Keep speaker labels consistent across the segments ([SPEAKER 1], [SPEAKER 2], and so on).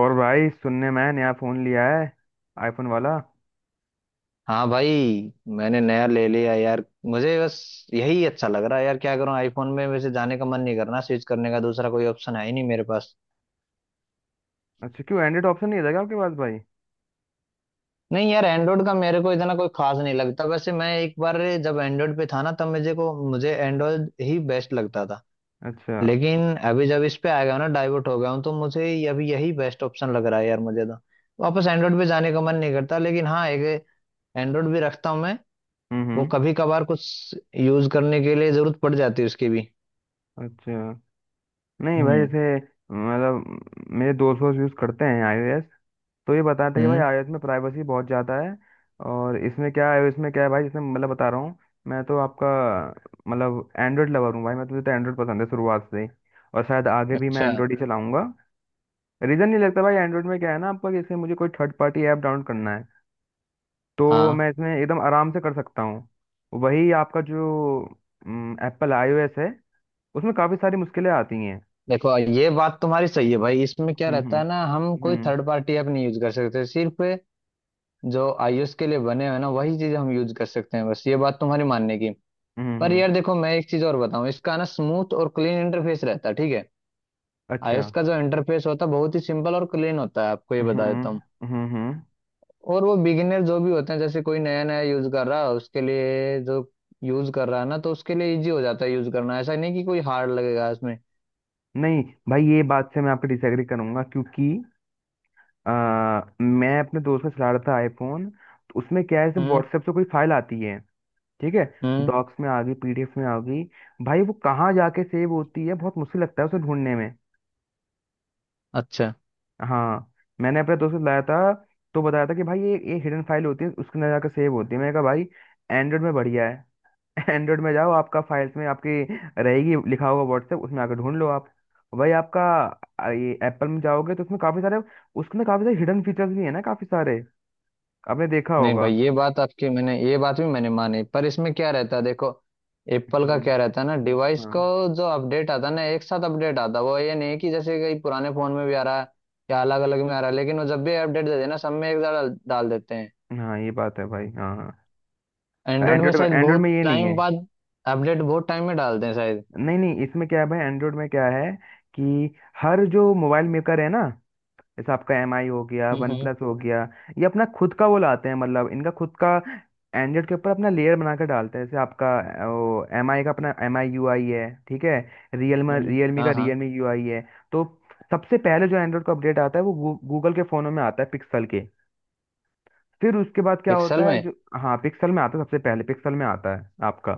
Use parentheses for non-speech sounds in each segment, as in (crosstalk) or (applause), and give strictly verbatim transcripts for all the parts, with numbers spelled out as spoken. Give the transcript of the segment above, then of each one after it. [SPEAKER 1] और भाई, सुनने में आया नया फोन लिया है, आईफोन वाला।
[SPEAKER 2] हाँ भाई। मैंने नया ले लिया यार, मुझे बस यही अच्छा लग रहा है यार। क्या करूं, आईफोन में वैसे जाने का मन नहीं करना, स्विच करने का दूसरा कोई ऑप्शन है ही नहीं मेरे पास।
[SPEAKER 1] अच्छा, क्यों एंड्रॉइड ऑप्शन नहीं था क्या आपके पास भाई?
[SPEAKER 2] नहीं यार, एंड्रॉइड का मेरे को इतना कोई खास नहीं लगता। वैसे मैं एक बार जब एंड्रॉइड पे था ना, तब मुझे को मुझे एंड्रॉइड ही बेस्ट लगता था।
[SPEAKER 1] अच्छा।
[SPEAKER 2] लेकिन अभी जब इस पे आ गया हूं ना, डाइवर्ट हो गया हूँ, तो मुझे ये- अभी यही बेस्ट ऑप्शन लग रहा है यार मुझे तो। वापस एंड्रॉइड पे जाने का मन नहीं करता, लेकिन हाँ, एक एंड्रॉइड भी रखता हूँ मैं।
[SPEAKER 1] हम्म
[SPEAKER 2] वो
[SPEAKER 1] हम्म।
[SPEAKER 2] कभी कभार कुछ यूज करने के लिए जरूरत पड़ जाती है उसकी भी।
[SPEAKER 1] अच्छा। नहीं भाई,
[SPEAKER 2] हम्म।
[SPEAKER 1] जैसे मतलब मेरे दोस्त वोस्त यूज़ करते हैं आईओएस, तो ये बताते हैं कि भाई
[SPEAKER 2] हम्म।
[SPEAKER 1] आईओएस में प्राइवेसी बहुत ज़्यादा है। और इसमें क्या है, इसमें क्या है भाई, जैसे मतलब बता रहा हूँ। मैं तो आपका मतलब एंड्रॉइड लवर हूँ भाई, मैं तुझे तो एंड्रॉइड पसंद है शुरुआत से ही। और शायद आगे भी मैं
[SPEAKER 2] अच्छा।
[SPEAKER 1] एंड्रॉइड ही चलाऊंगा। रीज़न नहीं लगता भाई, एंड्रॉइड में क्या है ना आपका, जैसे मुझे कोई थर्ड पार्टी ऐप डाउनलोड करना है तो
[SPEAKER 2] हाँ।
[SPEAKER 1] मैं इसमें एकदम आराम से कर सकता हूँ। वही आपका जो एप्पल आईओएस है उसमें काफ़ी सारी मुश्किलें आती हैं।
[SPEAKER 2] देखो ये बात तुम्हारी सही है भाई, इसमें क्या
[SPEAKER 1] हम्म
[SPEAKER 2] रहता
[SPEAKER 1] हम्म
[SPEAKER 2] है ना, हम कोई
[SPEAKER 1] हम्म
[SPEAKER 2] थर्ड पार्टी ऐप नहीं यूज कर सकते। सिर्फ जो iOS के लिए बने हुए हैं ना, वही चीज हम यूज कर सकते हैं बस, ये बात तुम्हारी मानने की।
[SPEAKER 1] हम्म
[SPEAKER 2] पर
[SPEAKER 1] हम्म।
[SPEAKER 2] यार देखो, मैं एक चीज और बताऊं, इसका ना स्मूथ और क्लीन इंटरफेस रहता है, ठीक है।
[SPEAKER 1] अच्छा।
[SPEAKER 2] iOS का जो इंटरफेस होता है बहुत ही सिंपल और क्लीन होता है, आपको ये बता
[SPEAKER 1] हम्म
[SPEAKER 2] देता हूँ।
[SPEAKER 1] हम्म हम्म।
[SPEAKER 2] और वो बिगिनर जो भी होते हैं, जैसे कोई नया नया यूज कर रहा है उसके लिए, जो यूज कर रहा है ना, तो उसके लिए इजी हो जाता है यूज करना। ऐसा नहीं कि कोई हार्ड लगेगा इसमें।
[SPEAKER 1] नहीं भाई, ये बात से मैं आपको डिसएग्री करूंगा, क्योंकि आ, मैं अपने दोस्त से चला रहा था आईफोन, तो उसमें क्या है जैसे
[SPEAKER 2] हम्म।
[SPEAKER 1] व्हाट्सएप से कोई फाइल आती है। ठीक है।
[SPEAKER 2] हम्म।
[SPEAKER 1] डॉक्स में आ गई, पीडीएफ में आ गई, भाई वो कहाँ जाके सेव होती है, बहुत मुश्किल लगता है उसे ढूंढने में।
[SPEAKER 2] अच्छा।
[SPEAKER 1] हाँ। मैंने अपने दोस्त को लाया था, तो बताया था कि भाई ये ये हिडन फाइल होती है, उसके अंदर जाकर सेव होती है। मैंने कहा भाई एंड्रॉइड में बढ़िया है। (laughs) एंड्रॉइड में जाओ, आपका फाइल्स में आपकी रहेगी, लिखा होगा व्हाट्सएप, उसमें आकर ढूंढ लो आप। भाई आपका आ, ये एप्पल में जाओगे तो उसमें काफी सारे, उसमें काफी सारे हिडन फीचर्स भी है ना, काफी सारे आपने देखा
[SPEAKER 2] नहीं
[SPEAKER 1] होगा।
[SPEAKER 2] भाई, ये बात आपकी मैंने, ये बात भी मैंने मानी। पर इसमें क्या रहता है देखो, एप्पल का
[SPEAKER 1] हम्म।
[SPEAKER 2] क्या रहता है ना, डिवाइस को
[SPEAKER 1] हाँ
[SPEAKER 2] जो अपडेट आता है ना, एक साथ अपडेट आता है। वो ये नहीं कि जैसे कई पुराने फोन में भी आ रहा है या अलग अलग में आ रहा है। लेकिन वो जब भी अपडेट देते हैं ना, सब में एक डाल डाल देते हैं।
[SPEAKER 1] हाँ, ये बात है भाई, हाँ हाँ।
[SPEAKER 2] एंड्रॉइड में
[SPEAKER 1] एंड्रॉइड में
[SPEAKER 2] शायद
[SPEAKER 1] एंड्रॉइड
[SPEAKER 2] बहुत
[SPEAKER 1] में ये नहीं
[SPEAKER 2] टाइम
[SPEAKER 1] है।
[SPEAKER 2] बाद अपडेट बहुत टाइम में डालते हैं शायद।
[SPEAKER 1] नहीं नहीं, इसमें क्या है भाई, एंड्रॉइड में क्या है कि हर जो मोबाइल मेकर है ना, जैसे आपका एम आई हो गया,
[SPEAKER 2] हम्म।
[SPEAKER 1] वन
[SPEAKER 2] हम्म।
[SPEAKER 1] प्लस हो गया, ये अपना खुद का वो लाते हैं, मतलब इनका खुद का एंड्रॉइड के ऊपर अपना लेयर बना कर डालते हैं। जैसे आपका अ, वो एम आई का अपना एम आई यू आई है, ठीक है, रियलमी
[SPEAKER 2] हम्म,
[SPEAKER 1] रियलमी का
[SPEAKER 2] हाँ हाँ।
[SPEAKER 1] रियलमी यू आई है। तो सबसे पहले जो एंड्रॉइड का अपडेट आता है वो गूगल के फ़ोनों में आता है, पिक्सल के। फिर उसके बाद क्या होता
[SPEAKER 2] पिक्सल
[SPEAKER 1] है
[SPEAKER 2] में।
[SPEAKER 1] जो। हाँ, पिक्सल में आता है, सबसे पहले पिक्सल में आता है आपका,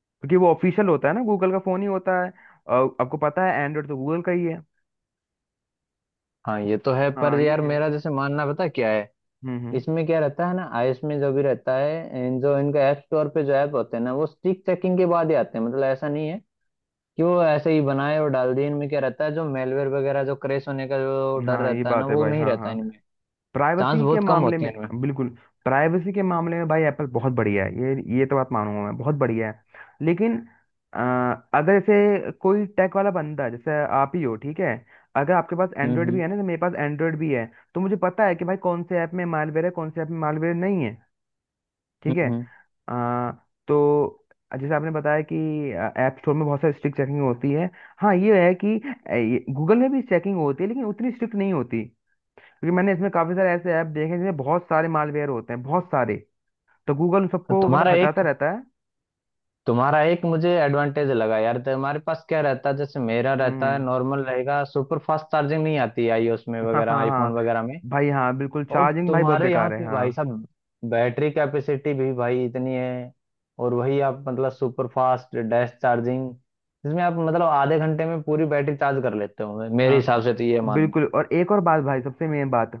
[SPEAKER 1] क्योंकि वो ऑफिशियल होता है ना, गूगल का फ़ोन ही होता है। और आपको पता है एंड्रॉइड तो गूगल का ही है।
[SPEAKER 2] हाँ ये तो है, पर
[SPEAKER 1] हाँ ये
[SPEAKER 2] यार
[SPEAKER 1] है।
[SPEAKER 2] मेरा जैसे मानना पता क्या है,
[SPEAKER 1] हम्म हम्म।
[SPEAKER 2] इसमें क्या रहता है ना, आईएएस में जो भी रहता है, इन जो इनका ऐप स्टोर पे जो ऐप होते हैं ना, वो स्टिक चेकिंग के बाद ही आते हैं। मतलब ऐसा नहीं है कि वो ऐसे ही बनाए और डाल दिए। इनमें क्या रहता है जो मेलवेयर वगैरह, जो क्रैश होने का जो डर
[SPEAKER 1] हाँ ये
[SPEAKER 2] रहता है ना,
[SPEAKER 1] बात है
[SPEAKER 2] वो
[SPEAKER 1] भाई,
[SPEAKER 2] नहीं
[SPEAKER 1] हाँ
[SPEAKER 2] रहता
[SPEAKER 1] हाँ।
[SPEAKER 2] इनमें, चांस
[SPEAKER 1] प्राइवेसी के
[SPEAKER 2] बहुत कम
[SPEAKER 1] मामले
[SPEAKER 2] होती
[SPEAKER 1] में।
[SPEAKER 2] है इनमें।
[SPEAKER 1] बिल्कुल। प्राइवेसी के मामले में भाई एप्पल बहुत बढ़िया है, ये ये तो बात मानूंगा मैं, बहुत बढ़िया है। लेकिन अ, अगर जैसे कोई टेक वाला बंदा जैसे आप ही हो, ठीक है, अगर आपके पास
[SPEAKER 2] हम्म।
[SPEAKER 1] एंड्रॉयड भी
[SPEAKER 2] हम्म।
[SPEAKER 1] है ना, जैसे मेरे पास एंड्रॉयड भी है, तो मुझे पता है कि भाई कौन से ऐप में मालवेयर है, कौन से ऐप में मालवेयर नहीं है। ठीक
[SPEAKER 2] हम्म।
[SPEAKER 1] है।
[SPEAKER 2] हम्म।
[SPEAKER 1] अ, तो जैसे आपने बताया कि ऐप स्टोर में बहुत सारी स्ट्रिक्ट चेकिंग होती है। हाँ ये है कि गूगल में भी चेकिंग होती है, लेकिन उतनी स्ट्रिक्ट नहीं होती, क्योंकि मैंने इसमें काफी सारे ऐसे ऐप देखे हैं जिसमें बहुत सारे मालवेयर होते हैं, बहुत सारे। तो गूगल उन सबको मतलब
[SPEAKER 2] तुम्हारा
[SPEAKER 1] हटाता
[SPEAKER 2] एक
[SPEAKER 1] रहता है।
[SPEAKER 2] तुम्हारा एक मुझे एडवांटेज लगा यार। तो हमारे पास क्या रहता है, जैसे मेरा रहता है
[SPEAKER 1] हम्म।
[SPEAKER 2] नॉर्मल रहेगा, सुपर फास्ट चार्जिंग नहीं आती आईओएस में
[SPEAKER 1] हाँ
[SPEAKER 2] वगैरह,
[SPEAKER 1] हाँ
[SPEAKER 2] आईफोन
[SPEAKER 1] हाँ
[SPEAKER 2] वगैरह में।
[SPEAKER 1] भाई, हाँ बिल्कुल,
[SPEAKER 2] और
[SPEAKER 1] चार्जिंग भाई बहुत
[SPEAKER 2] तुम्हारे यहाँ
[SPEAKER 1] बेकार है,
[SPEAKER 2] पे भाई
[SPEAKER 1] हाँ।
[SPEAKER 2] साहब, बैटरी कैपेसिटी भी भाई इतनी है। और वही आप मतलब सुपर फास्ट डैश चार्जिंग जिसमें आप मतलब आधे घंटे में पूरी बैटरी चार्ज कर लेते हो। मेरे
[SPEAKER 1] हाँ
[SPEAKER 2] हिसाब से तो ये मानना।
[SPEAKER 1] बिल्कुल, और एक और बात भाई, सबसे मेन बात,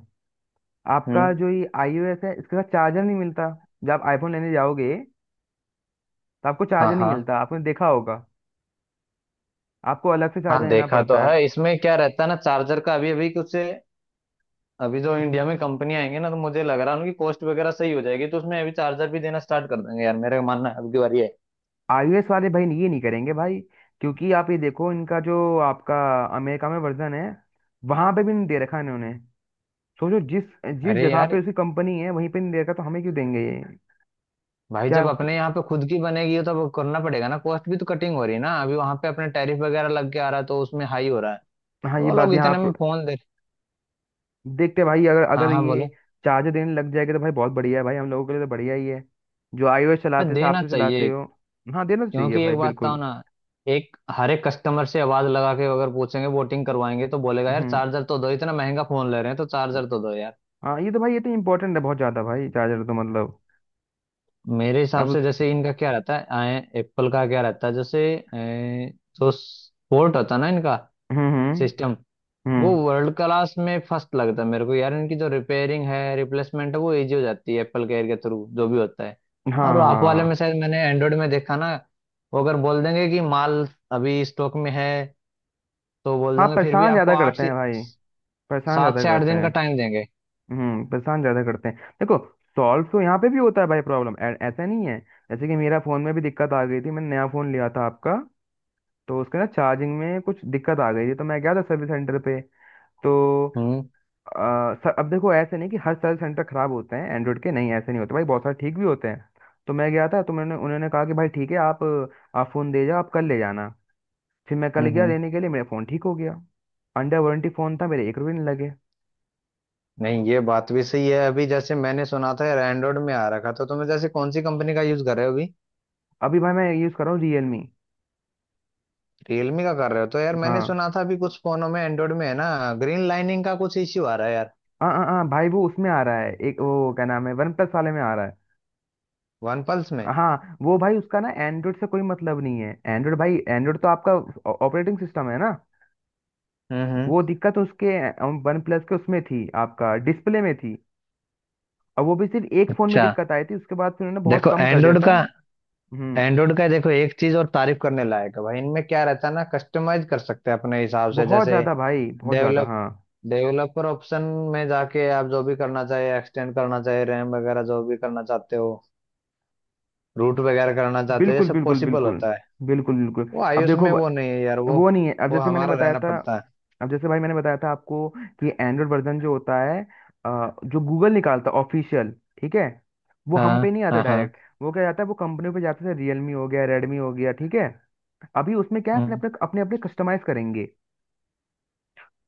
[SPEAKER 1] आपका
[SPEAKER 2] हम्म।
[SPEAKER 1] जो ये आईओएस है इसके साथ चार्जर नहीं मिलता। जब आप आईफोन लेने जाओगे तो आपको
[SPEAKER 2] हाँ
[SPEAKER 1] चार्जर नहीं
[SPEAKER 2] हाँ
[SPEAKER 1] मिलता, आपने देखा होगा। आपको अलग से चार्जर
[SPEAKER 2] हाँ।
[SPEAKER 1] लेना
[SPEAKER 2] देखा तो
[SPEAKER 1] पड़ता है।
[SPEAKER 2] है। इसमें क्या रहता है ना चार्जर का, अभी अभी कुछ अभी जो इंडिया में कंपनी आएंगे ना, तो मुझे लग रहा है उनकी कॉस्ट वगैरह सही हो जाएगी, तो उसमें अभी चार्जर भी देना स्टार्ट कर देंगे यार। मेरा मानना है अब की बार ये है।
[SPEAKER 1] आईओएस वाले भाई ये नहीं करेंगे भाई, क्योंकि आप ये देखो इनका जो आपका अमेरिका में वर्जन है, वहां पे भी नहीं दे रखा इन्होंने। सोचो जिस जिस
[SPEAKER 2] अरे
[SPEAKER 1] जगह
[SPEAKER 2] यार,
[SPEAKER 1] पे उसकी कंपनी है, वहीं पे नहीं देगा तो हमें क्यों देंगे ये?
[SPEAKER 2] भाई
[SPEAKER 1] क्या?
[SPEAKER 2] जब अपने यहाँ पे खुद की बनेगी तो अब करना पड़ेगा ना, कॉस्ट भी तो कटिंग हो रही है ना अभी, वहां पे अपने टैरिफ वगैरह लग के आ रहा है तो उसमें हाई हो रहा है।
[SPEAKER 1] हाँ
[SPEAKER 2] तो
[SPEAKER 1] ये
[SPEAKER 2] वो
[SPEAKER 1] बात
[SPEAKER 2] लोग
[SPEAKER 1] यहाँ
[SPEAKER 2] इतने में
[SPEAKER 1] पर-
[SPEAKER 2] फोन दे।
[SPEAKER 1] देखते हैं भाई, अगर
[SPEAKER 2] हाँ
[SPEAKER 1] अगर
[SPEAKER 2] हाँ,
[SPEAKER 1] ये
[SPEAKER 2] बोलो।
[SPEAKER 1] चार्जर देने लग जाएगा तो भाई बहुत बढ़िया है, भाई हम लोगों के लिए तो बढ़िया ही है, जो iOS
[SPEAKER 2] पर
[SPEAKER 1] चलाते हो आप
[SPEAKER 2] देना
[SPEAKER 1] से चलाते
[SPEAKER 2] चाहिए।
[SPEAKER 1] हो। हाँ देना तो चाहिए
[SPEAKER 2] क्योंकि
[SPEAKER 1] भाई,
[SPEAKER 2] एक बात बताओ
[SPEAKER 1] बिल्कुल।
[SPEAKER 2] ना, एक हर एक कस्टमर से आवाज लगा के अगर पूछेंगे, वोटिंग करवाएंगे, तो बोलेगा यार
[SPEAKER 1] हम्म।
[SPEAKER 2] चार्जर तो दो, इतना महंगा फोन ले रहे हैं तो चार्जर तो दो यार।
[SPEAKER 1] हाँ ये तो भाई, ये तो इम्पोर्टेंट है बहुत ज्यादा भाई, चार्जर तो मतलब,
[SPEAKER 2] मेरे
[SPEAKER 1] अब
[SPEAKER 2] हिसाब
[SPEAKER 1] उस।
[SPEAKER 2] से जैसे इनका क्या रहता है, आए एप्पल का क्या रहता है, जैसे अ, जो पोर्ट होता है ना इनका
[SPEAKER 1] हम्म हम्म
[SPEAKER 2] सिस्टम, वो
[SPEAKER 1] हम्म।
[SPEAKER 2] वर्ल्ड क्लास में फर्स्ट लगता है मेरे को यार। इनकी जो रिपेयरिंग है, रिप्लेसमेंट है, वो इजी हो जाती है एप्पल केयर के थ्रू जो भी होता है।
[SPEAKER 1] हाँ
[SPEAKER 2] और वो
[SPEAKER 1] हाँ
[SPEAKER 2] आप
[SPEAKER 1] हाँ
[SPEAKER 2] वाले में
[SPEAKER 1] हाँ।
[SPEAKER 2] शायद मैंने एंड्रॉयड में देखा ना, वो अगर बोल देंगे कि माल अभी स्टॉक में है तो बोल
[SPEAKER 1] हाँ,
[SPEAKER 2] देंगे, फिर भी
[SPEAKER 1] परेशान
[SPEAKER 2] आपको
[SPEAKER 1] ज्यादा
[SPEAKER 2] आठ
[SPEAKER 1] करते
[SPEAKER 2] से
[SPEAKER 1] हैं भाई, परेशान
[SPEAKER 2] सात
[SPEAKER 1] ज्यादा
[SPEAKER 2] से आठ
[SPEAKER 1] करते
[SPEAKER 2] दिन का
[SPEAKER 1] हैं।
[SPEAKER 2] टाइम देंगे।
[SPEAKER 1] हम्म, परेशान ज्यादा करते हैं देखो, सॉल्व तो यहाँ पे भी होता है भाई प्रॉब्लम, ऐसा नहीं है। जैसे कि मेरा फोन में भी दिक्कत आ गई थी, मैंने नया फोन लिया था आपका, तो उसके ना चार्जिंग में कुछ दिक्कत आ गई थी, तो मैं गया था सर्विस सेंटर पे। तो
[SPEAKER 2] हम्म।
[SPEAKER 1] आ, सर, अब देखो, ऐसे नहीं कि हर सर्विस सेंटर खराब होते हैं एंड्रॉइड के, नहीं ऐसे नहीं होते भाई, बहुत सारे ठीक भी होते हैं। तो मैं गया था, तो मैंने उन्होंने कहा कि भाई ठीक है, आप आप फोन दे जाओ, आप कल ले जाना। फिर मैं कल
[SPEAKER 2] हम्म।
[SPEAKER 1] गया
[SPEAKER 2] हम्म।
[SPEAKER 1] लेने के लिए, मेरा फोन ठीक हो गया। अंडर वारंटी फोन था, मेरे एक रुपये नहीं लगे।
[SPEAKER 2] नहीं ये बात भी सही है। अभी जैसे मैंने सुना था यार एंड्रॉइड में आ रखा था, तुम्हें जैसे कौन सी कंपनी का यूज कर रहे हो अभी?
[SPEAKER 1] अभी भाई मैं यूज कर रहा हूँ रियलमी।
[SPEAKER 2] रियलमी का कर रहे हो तो यार, मैंने
[SPEAKER 1] हाँ,
[SPEAKER 2] सुना था अभी कुछ फोनों में एंड्रॉइड में है ना ग्रीन लाइनिंग का कुछ इश्यू आ रहा है यार।
[SPEAKER 1] हाँ हाँ हाँ भाई, वो उसमें आ रहा है एक, वो क्या नाम है, वन प्लस वाले में आ रहा है।
[SPEAKER 2] वन प्लस में।
[SPEAKER 1] हाँ वो भाई उसका ना एंड्रॉइड से कोई मतलब नहीं है, एंड्रॉइड भाई, एंड्रॉइड तो आपका ऑपरेटिंग सिस्टम है ना।
[SPEAKER 2] हम्म। हम्म।
[SPEAKER 1] वो दिक्कत उसके वन प्लस के उसमें थी, आपका डिस्प्ले में थी। और वो भी सिर्फ एक फोन में
[SPEAKER 2] अच्छा।
[SPEAKER 1] दिक्कत आई थी, उसके बाद फिर उन्होंने बहुत
[SPEAKER 2] देखो
[SPEAKER 1] कम कर दिया
[SPEAKER 2] एंड्रॉइड
[SPEAKER 1] था।
[SPEAKER 2] का
[SPEAKER 1] हम्म।
[SPEAKER 2] एंड्रॉइड का देखो एक चीज और तारीफ करने लायक है भाई, इनमें क्या रहता है ना, कस्टमाइज कर सकते हैं अपने हिसाब से,
[SPEAKER 1] बहुत
[SPEAKER 2] जैसे
[SPEAKER 1] ज्यादा भाई, बहुत ज्यादा,
[SPEAKER 2] डेवलप
[SPEAKER 1] हाँ।
[SPEAKER 2] डेवलपर ऑप्शन में जाके आप जो भी करना चाहे, एक्सटेंड करना चाहे, रैम वगैरह जो भी करना चाहते हो, रूट वगैरह करना चाहते हो, ये
[SPEAKER 1] बिल्कुल
[SPEAKER 2] सब
[SPEAKER 1] बिल्कुल
[SPEAKER 2] पॉसिबल
[SPEAKER 1] बिल्कुल।
[SPEAKER 2] होता है।
[SPEAKER 1] बिल्कुल बिल्कुल,
[SPEAKER 2] वो
[SPEAKER 1] अब
[SPEAKER 2] आयुष
[SPEAKER 1] देखो,
[SPEAKER 2] में वो नहीं है यार, वो
[SPEAKER 1] वो नहीं है। अब
[SPEAKER 2] वो
[SPEAKER 1] जैसे मैंने
[SPEAKER 2] हमारा
[SPEAKER 1] बताया
[SPEAKER 2] रहना
[SPEAKER 1] था,
[SPEAKER 2] पड़ता है।
[SPEAKER 1] अब जैसे भाई मैंने बताया था आपको कि एंड्रॉयड वर्जन जो होता है, अ, जो गूगल निकालता है ऑफिशियल, ठीक है, वो हम पे
[SPEAKER 2] हाँ
[SPEAKER 1] नहीं आता
[SPEAKER 2] हाँ हाँ।
[SPEAKER 1] डायरेक्ट। वो क्या जाता है, वो कंपनी पे जाता है, रियलमी हो गया, रेडमी हो गया, ठीक है। अभी उसमें क्या है, अपने
[SPEAKER 2] हम्म।
[SPEAKER 1] अपने अपने अपने कस्टमाइज करेंगे,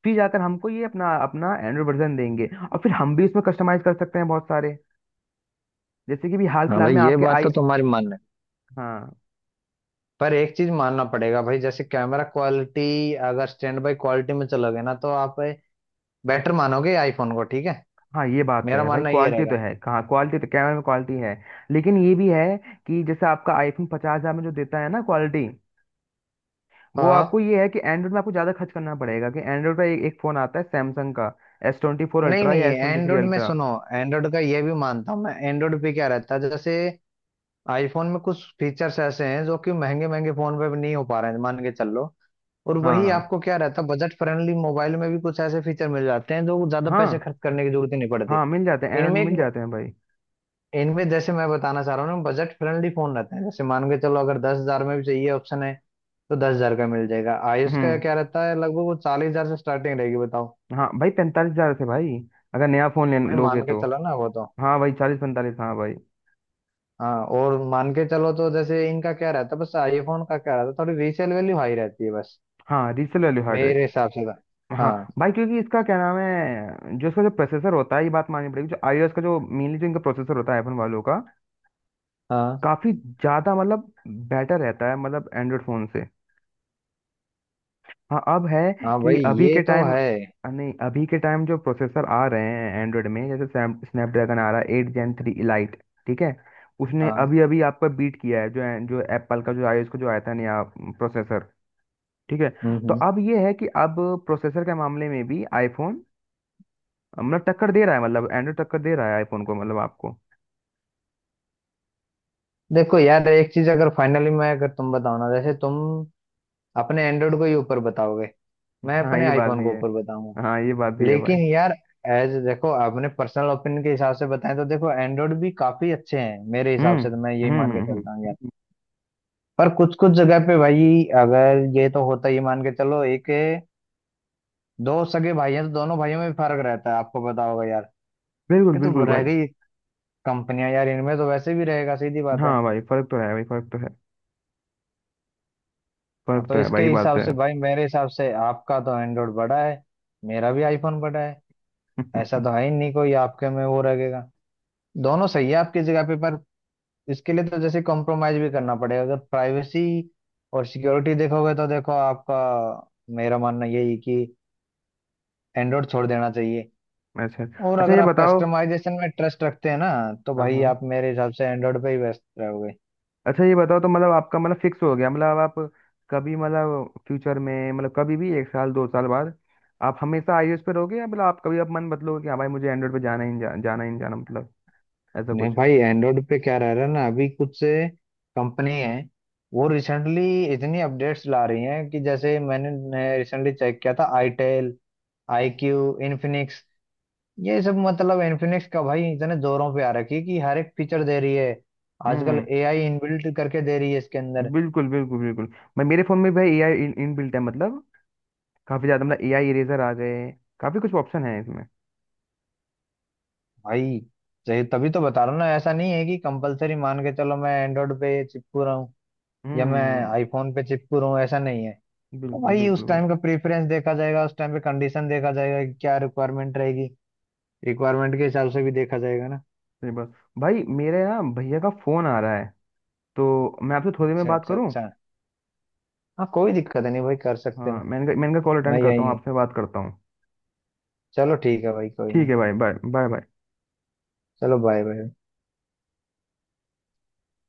[SPEAKER 1] फिर जाकर हमको ये अपना अपना एंड्रॉयड वर्जन देंगे, और फिर हम भी इसमें कस्टमाइज कर सकते हैं बहुत सारे, जैसे कि भी हाल
[SPEAKER 2] हाँ
[SPEAKER 1] फिलहाल
[SPEAKER 2] भाई
[SPEAKER 1] में
[SPEAKER 2] ये
[SPEAKER 1] आपके
[SPEAKER 2] बात
[SPEAKER 1] आई।
[SPEAKER 2] तो तुम्हारी मानने,
[SPEAKER 1] हाँ
[SPEAKER 2] पर एक चीज मानना पड़ेगा भाई, जैसे कैमरा क्वालिटी अगर स्टैंड बाय क्वालिटी में चलोगे ना, तो आप बेटर मानोगे आईफोन को, ठीक है।
[SPEAKER 1] हाँ, ये बात तो
[SPEAKER 2] मेरा
[SPEAKER 1] है भाई,
[SPEAKER 2] मानना ये
[SPEAKER 1] क्वालिटी तो
[SPEAKER 2] रहेगा।
[SPEAKER 1] है कहाँ, क्वालिटी तो कैमरा में क्वालिटी है। लेकिन ये भी है कि जैसे आपका आईफोन पचास हजार में जो देता है ना क्वालिटी, वो
[SPEAKER 2] हाँ।
[SPEAKER 1] आपको ये है कि एंड्रॉइड में आपको ज़्यादा खर्च करना पड़ेगा, कि एंड्रॉइड का एक, एक फ़ोन आता है सैमसंग का, एस ट्वेंटी फोर
[SPEAKER 2] नहीं
[SPEAKER 1] अल्ट्रा
[SPEAKER 2] नहीं
[SPEAKER 1] या एस ट्वेंटी थ्री
[SPEAKER 2] एंड्रॉइड में
[SPEAKER 1] अल्ट्रा
[SPEAKER 2] सुनो, एंड्रॉइड का ये भी मानता हूँ मैं। एंड्रॉइड पे क्या रहता है, जैसे आईफोन में कुछ फीचर्स ऐसे हैं जो कि महंगे महंगे फोन पे भी नहीं हो पा रहे हैं मान के चल लो। और
[SPEAKER 1] हाँ
[SPEAKER 2] वही
[SPEAKER 1] हाँ।
[SPEAKER 2] आपको क्या रहता है, बजट फ्रेंडली मोबाइल में भी कुछ ऐसे फीचर मिल जाते हैं जो ज्यादा पैसे
[SPEAKER 1] हाँ।
[SPEAKER 2] खर्च करने की जरूरत ही नहीं पड़ती।
[SPEAKER 1] हाँ मिल जाते हैं, एंड्रॉइड
[SPEAKER 2] इनमें
[SPEAKER 1] में मिल
[SPEAKER 2] एक
[SPEAKER 1] जाते हैं भाई।
[SPEAKER 2] इनमें जैसे मैं बताना चाह रहा हूँ ना, बजट फ्रेंडली फोन रहते हैं। जैसे मान के चलो अगर दस हजार में भी चाहिए, ऑप्शन है, तो दस हजार का मिल जाएगा। आयुष का
[SPEAKER 1] हम्म।
[SPEAKER 2] क्या रहता है लगभग, वो चालीस हजार से स्टार्टिंग रहेगी बताओ।
[SPEAKER 1] हाँ भाई, पैंतालीस हजार से भाई, अगर नया फ़ोन ले
[SPEAKER 2] भाई
[SPEAKER 1] लोगे
[SPEAKER 2] मान के
[SPEAKER 1] तो।
[SPEAKER 2] चलो ना वो तो।
[SPEAKER 1] हाँ भाई चालीस पैंतालीस, हाँ भाई।
[SPEAKER 2] हाँ और मान के चलो तो, जैसे इनका क्या रहता है बस, आईफोन का क्या रहता है, थोड़ी रीसेल वैल्यू हाई रहती है बस,
[SPEAKER 1] हाँ रीसेल वैल्यू हट।
[SPEAKER 2] मेरे हिसाब से तो।
[SPEAKER 1] हाँ
[SPEAKER 2] हाँ
[SPEAKER 1] भाई, क्योंकि इसका क्या नाम है, जो इसका जो प्रोसेसर होता है, ये बात माननी पड़ेगी, जो iOS का जो मेनली जो इनका प्रोसेसर होता है आईफोन वालों का,
[SPEAKER 2] हाँ।
[SPEAKER 1] काफी ज्यादा मतलब बेटर रहता है मतलब एंड्रॉयड फोन से। हाँ अब है
[SPEAKER 2] हाँ
[SPEAKER 1] कि
[SPEAKER 2] भाई
[SPEAKER 1] अभी
[SPEAKER 2] ये
[SPEAKER 1] के
[SPEAKER 2] तो
[SPEAKER 1] टाइम,
[SPEAKER 2] है।
[SPEAKER 1] नहीं अभी के टाइम जो प्रोसेसर आ रहे हैं एंड्रॉयड में, जैसे स्नैपड्रैगन आ रहा है एट जेन थ्री इलाइट, ठीक है, उसने
[SPEAKER 2] हाँ।
[SPEAKER 1] अभी अभी आपका बीट किया है, जो जो एप्पल का जो iOS का जो आया था नया प्रोसेसर, ठीक है,
[SPEAKER 2] हम्म।
[SPEAKER 1] तो
[SPEAKER 2] हम्म।
[SPEAKER 1] अब ये है कि अब प्रोसेसर के मामले में भी आईफोन मतलब टक्कर दे रहा है, मतलब एंड्रॉइड टक्कर दे रहा है आईफोन को मतलब आपको।
[SPEAKER 2] देखो यार एक चीज, अगर फाइनली मैं अगर तुम बताओ ना, जैसे तुम अपने एंड्रॉइड को ही ऊपर बताओगे, मैं
[SPEAKER 1] हाँ
[SPEAKER 2] अपने
[SPEAKER 1] ये बात
[SPEAKER 2] आईफोन
[SPEAKER 1] भी
[SPEAKER 2] को
[SPEAKER 1] है।
[SPEAKER 2] ऊपर बताऊंगा।
[SPEAKER 1] हाँ ये बात भी है भाई।
[SPEAKER 2] लेकिन यार एज देखो, आपने पर्सनल ओपिनियन के हिसाब से बताएं तो, देखो एंड्रॉइड भी काफी अच्छे हैं मेरे हिसाब
[SPEAKER 1] हम्म
[SPEAKER 2] से, तो मैं यही
[SPEAKER 1] हम्म
[SPEAKER 2] मान के
[SPEAKER 1] हम्म, हम्म,
[SPEAKER 2] चलता हूँ यार।
[SPEAKER 1] हम्म।
[SPEAKER 2] पर कुछ कुछ जगह पे भाई अगर ये तो होता ही, मान के चलो एक दो सगे भाई हैं तो दोनों भाइयों में भी फर्क रहता है, आपको पता होगा यार।
[SPEAKER 1] बिल्कुल
[SPEAKER 2] ये तो
[SPEAKER 1] बिल्कुल भाई।
[SPEAKER 2] रह गई कंपनियां यार, इनमें तो वैसे भी रहेगा, सीधी बात है।
[SPEAKER 1] हाँ भाई फर्क तो है भाई, फर्क तो है,
[SPEAKER 2] हाँ
[SPEAKER 1] फर्क
[SPEAKER 2] तो
[SPEAKER 1] तो है भाई,
[SPEAKER 2] इसके
[SPEAKER 1] ये बात तो
[SPEAKER 2] हिसाब से
[SPEAKER 1] है।
[SPEAKER 2] भाई, मेरे हिसाब से आपका तो एंड्रॉइड बड़ा है, मेरा भी आईफोन बड़ा है, ऐसा तो है ही नहीं। कोई आपके में वो रहेगा, दोनों सही है आपकी जगह पे। पर इसके लिए तो जैसे कॉम्प्रोमाइज भी करना पड़ेगा, अगर प्राइवेसी और सिक्योरिटी देखोगे तो देखो आपका, मेरा मानना यही है कि एंड्रॉइड छोड़ देना चाहिए।
[SPEAKER 1] (laughs) अच्छा।
[SPEAKER 2] और
[SPEAKER 1] अच्छा
[SPEAKER 2] अगर
[SPEAKER 1] ये
[SPEAKER 2] आप
[SPEAKER 1] बताओ।
[SPEAKER 2] कस्टमाइजेशन में ट्रस्ट रखते हैं ना, तो
[SPEAKER 1] हाँ
[SPEAKER 2] भाई
[SPEAKER 1] हाँ।
[SPEAKER 2] आप मेरे हिसाब से एंड्रॉइड पे ही व्यस्त रहोगे।
[SPEAKER 1] अच्छा ये बताओ, तो मतलब आपका मतलब फिक्स हो गया मतलब आप, कभी मतलब फ्यूचर में, मतलब कभी भी एक साल दो साल बाद, आप हमेशा आईओएस पे रहोगे या मतलब आप कभी आप मन बदलोगे कि हाँ भाई मुझे एंड्रॉइड पे जाना ही नहीं, जा, जाना ही नहीं जाना, मतलब ऐसा
[SPEAKER 2] नहीं
[SPEAKER 1] कुछ?
[SPEAKER 2] भाई, एंड्रॉइड पे क्या रह रहा है ना अभी, कुछ से कंपनी है वो रिसेंटली इतनी अपडेट्स ला रही हैं, कि जैसे मैंने रिसेंटली चेक किया था आईटेल, आई क्यू, इन्फिनिक्स, ये सब। मतलब इन्फिनिक्स का भाई इतने जोरों पे आ रखी है कि हर एक फीचर दे रही है,
[SPEAKER 1] हम्म
[SPEAKER 2] आजकल
[SPEAKER 1] हम्म।
[SPEAKER 2] एआई इनबिल्ट करके दे रही है इसके अंदर।
[SPEAKER 1] बिल्कुल बिल्कुल बिल्कुल। मैं मेरे फोन में भाई एआई इन, इनबिल्ट है, मतलब काफी ज्यादा, मतलब एआई इरेजर आ गए, काफी कुछ ऑप्शन है इसमें।
[SPEAKER 2] भाई सही तभी तो बता रहा हूँ ना, ऐसा नहीं है कि कंपलसरी मान के चलो मैं एंड्रॉइड पे चिपकू रहा हूँ या मैं
[SPEAKER 1] हम्म।
[SPEAKER 2] आईफोन पे चिपकू रहा हूँ, ऐसा नहीं है। तो
[SPEAKER 1] बिल्कुल
[SPEAKER 2] भाई
[SPEAKER 1] बिल्कुल
[SPEAKER 2] उस
[SPEAKER 1] बिल्कुल।
[SPEAKER 2] टाइम का प्रेफरेंस देखा जाएगा, उस टाइम पे कंडीशन देखा जाएगा कि क्या रिक्वायरमेंट रहेगी, रिक्वायरमेंट के हिसाब से भी देखा जाएगा ना।
[SPEAKER 1] सही बात। भाई मेरे ना भैया का फोन आ रहा है, तो मैं आपसे थोड़ी देर में
[SPEAKER 2] अच्छा
[SPEAKER 1] बात
[SPEAKER 2] अच्छा
[SPEAKER 1] करूँ?
[SPEAKER 2] अच्छा। हाँ कोई दिक्कत नहीं भाई, कर सकते
[SPEAKER 1] हाँ,
[SPEAKER 2] हो।
[SPEAKER 1] मैं इनका मैं इनका कॉल
[SPEAKER 2] मैं
[SPEAKER 1] अटेंड करता
[SPEAKER 2] यही
[SPEAKER 1] हूँ,
[SPEAKER 2] हूँ।
[SPEAKER 1] आपसे बात करता हूँ।
[SPEAKER 2] चलो ठीक है भाई, कोई
[SPEAKER 1] ठीक
[SPEAKER 2] ना।
[SPEAKER 1] है भाई, बाय बाय बाय।
[SPEAKER 2] चलो बाय बाय।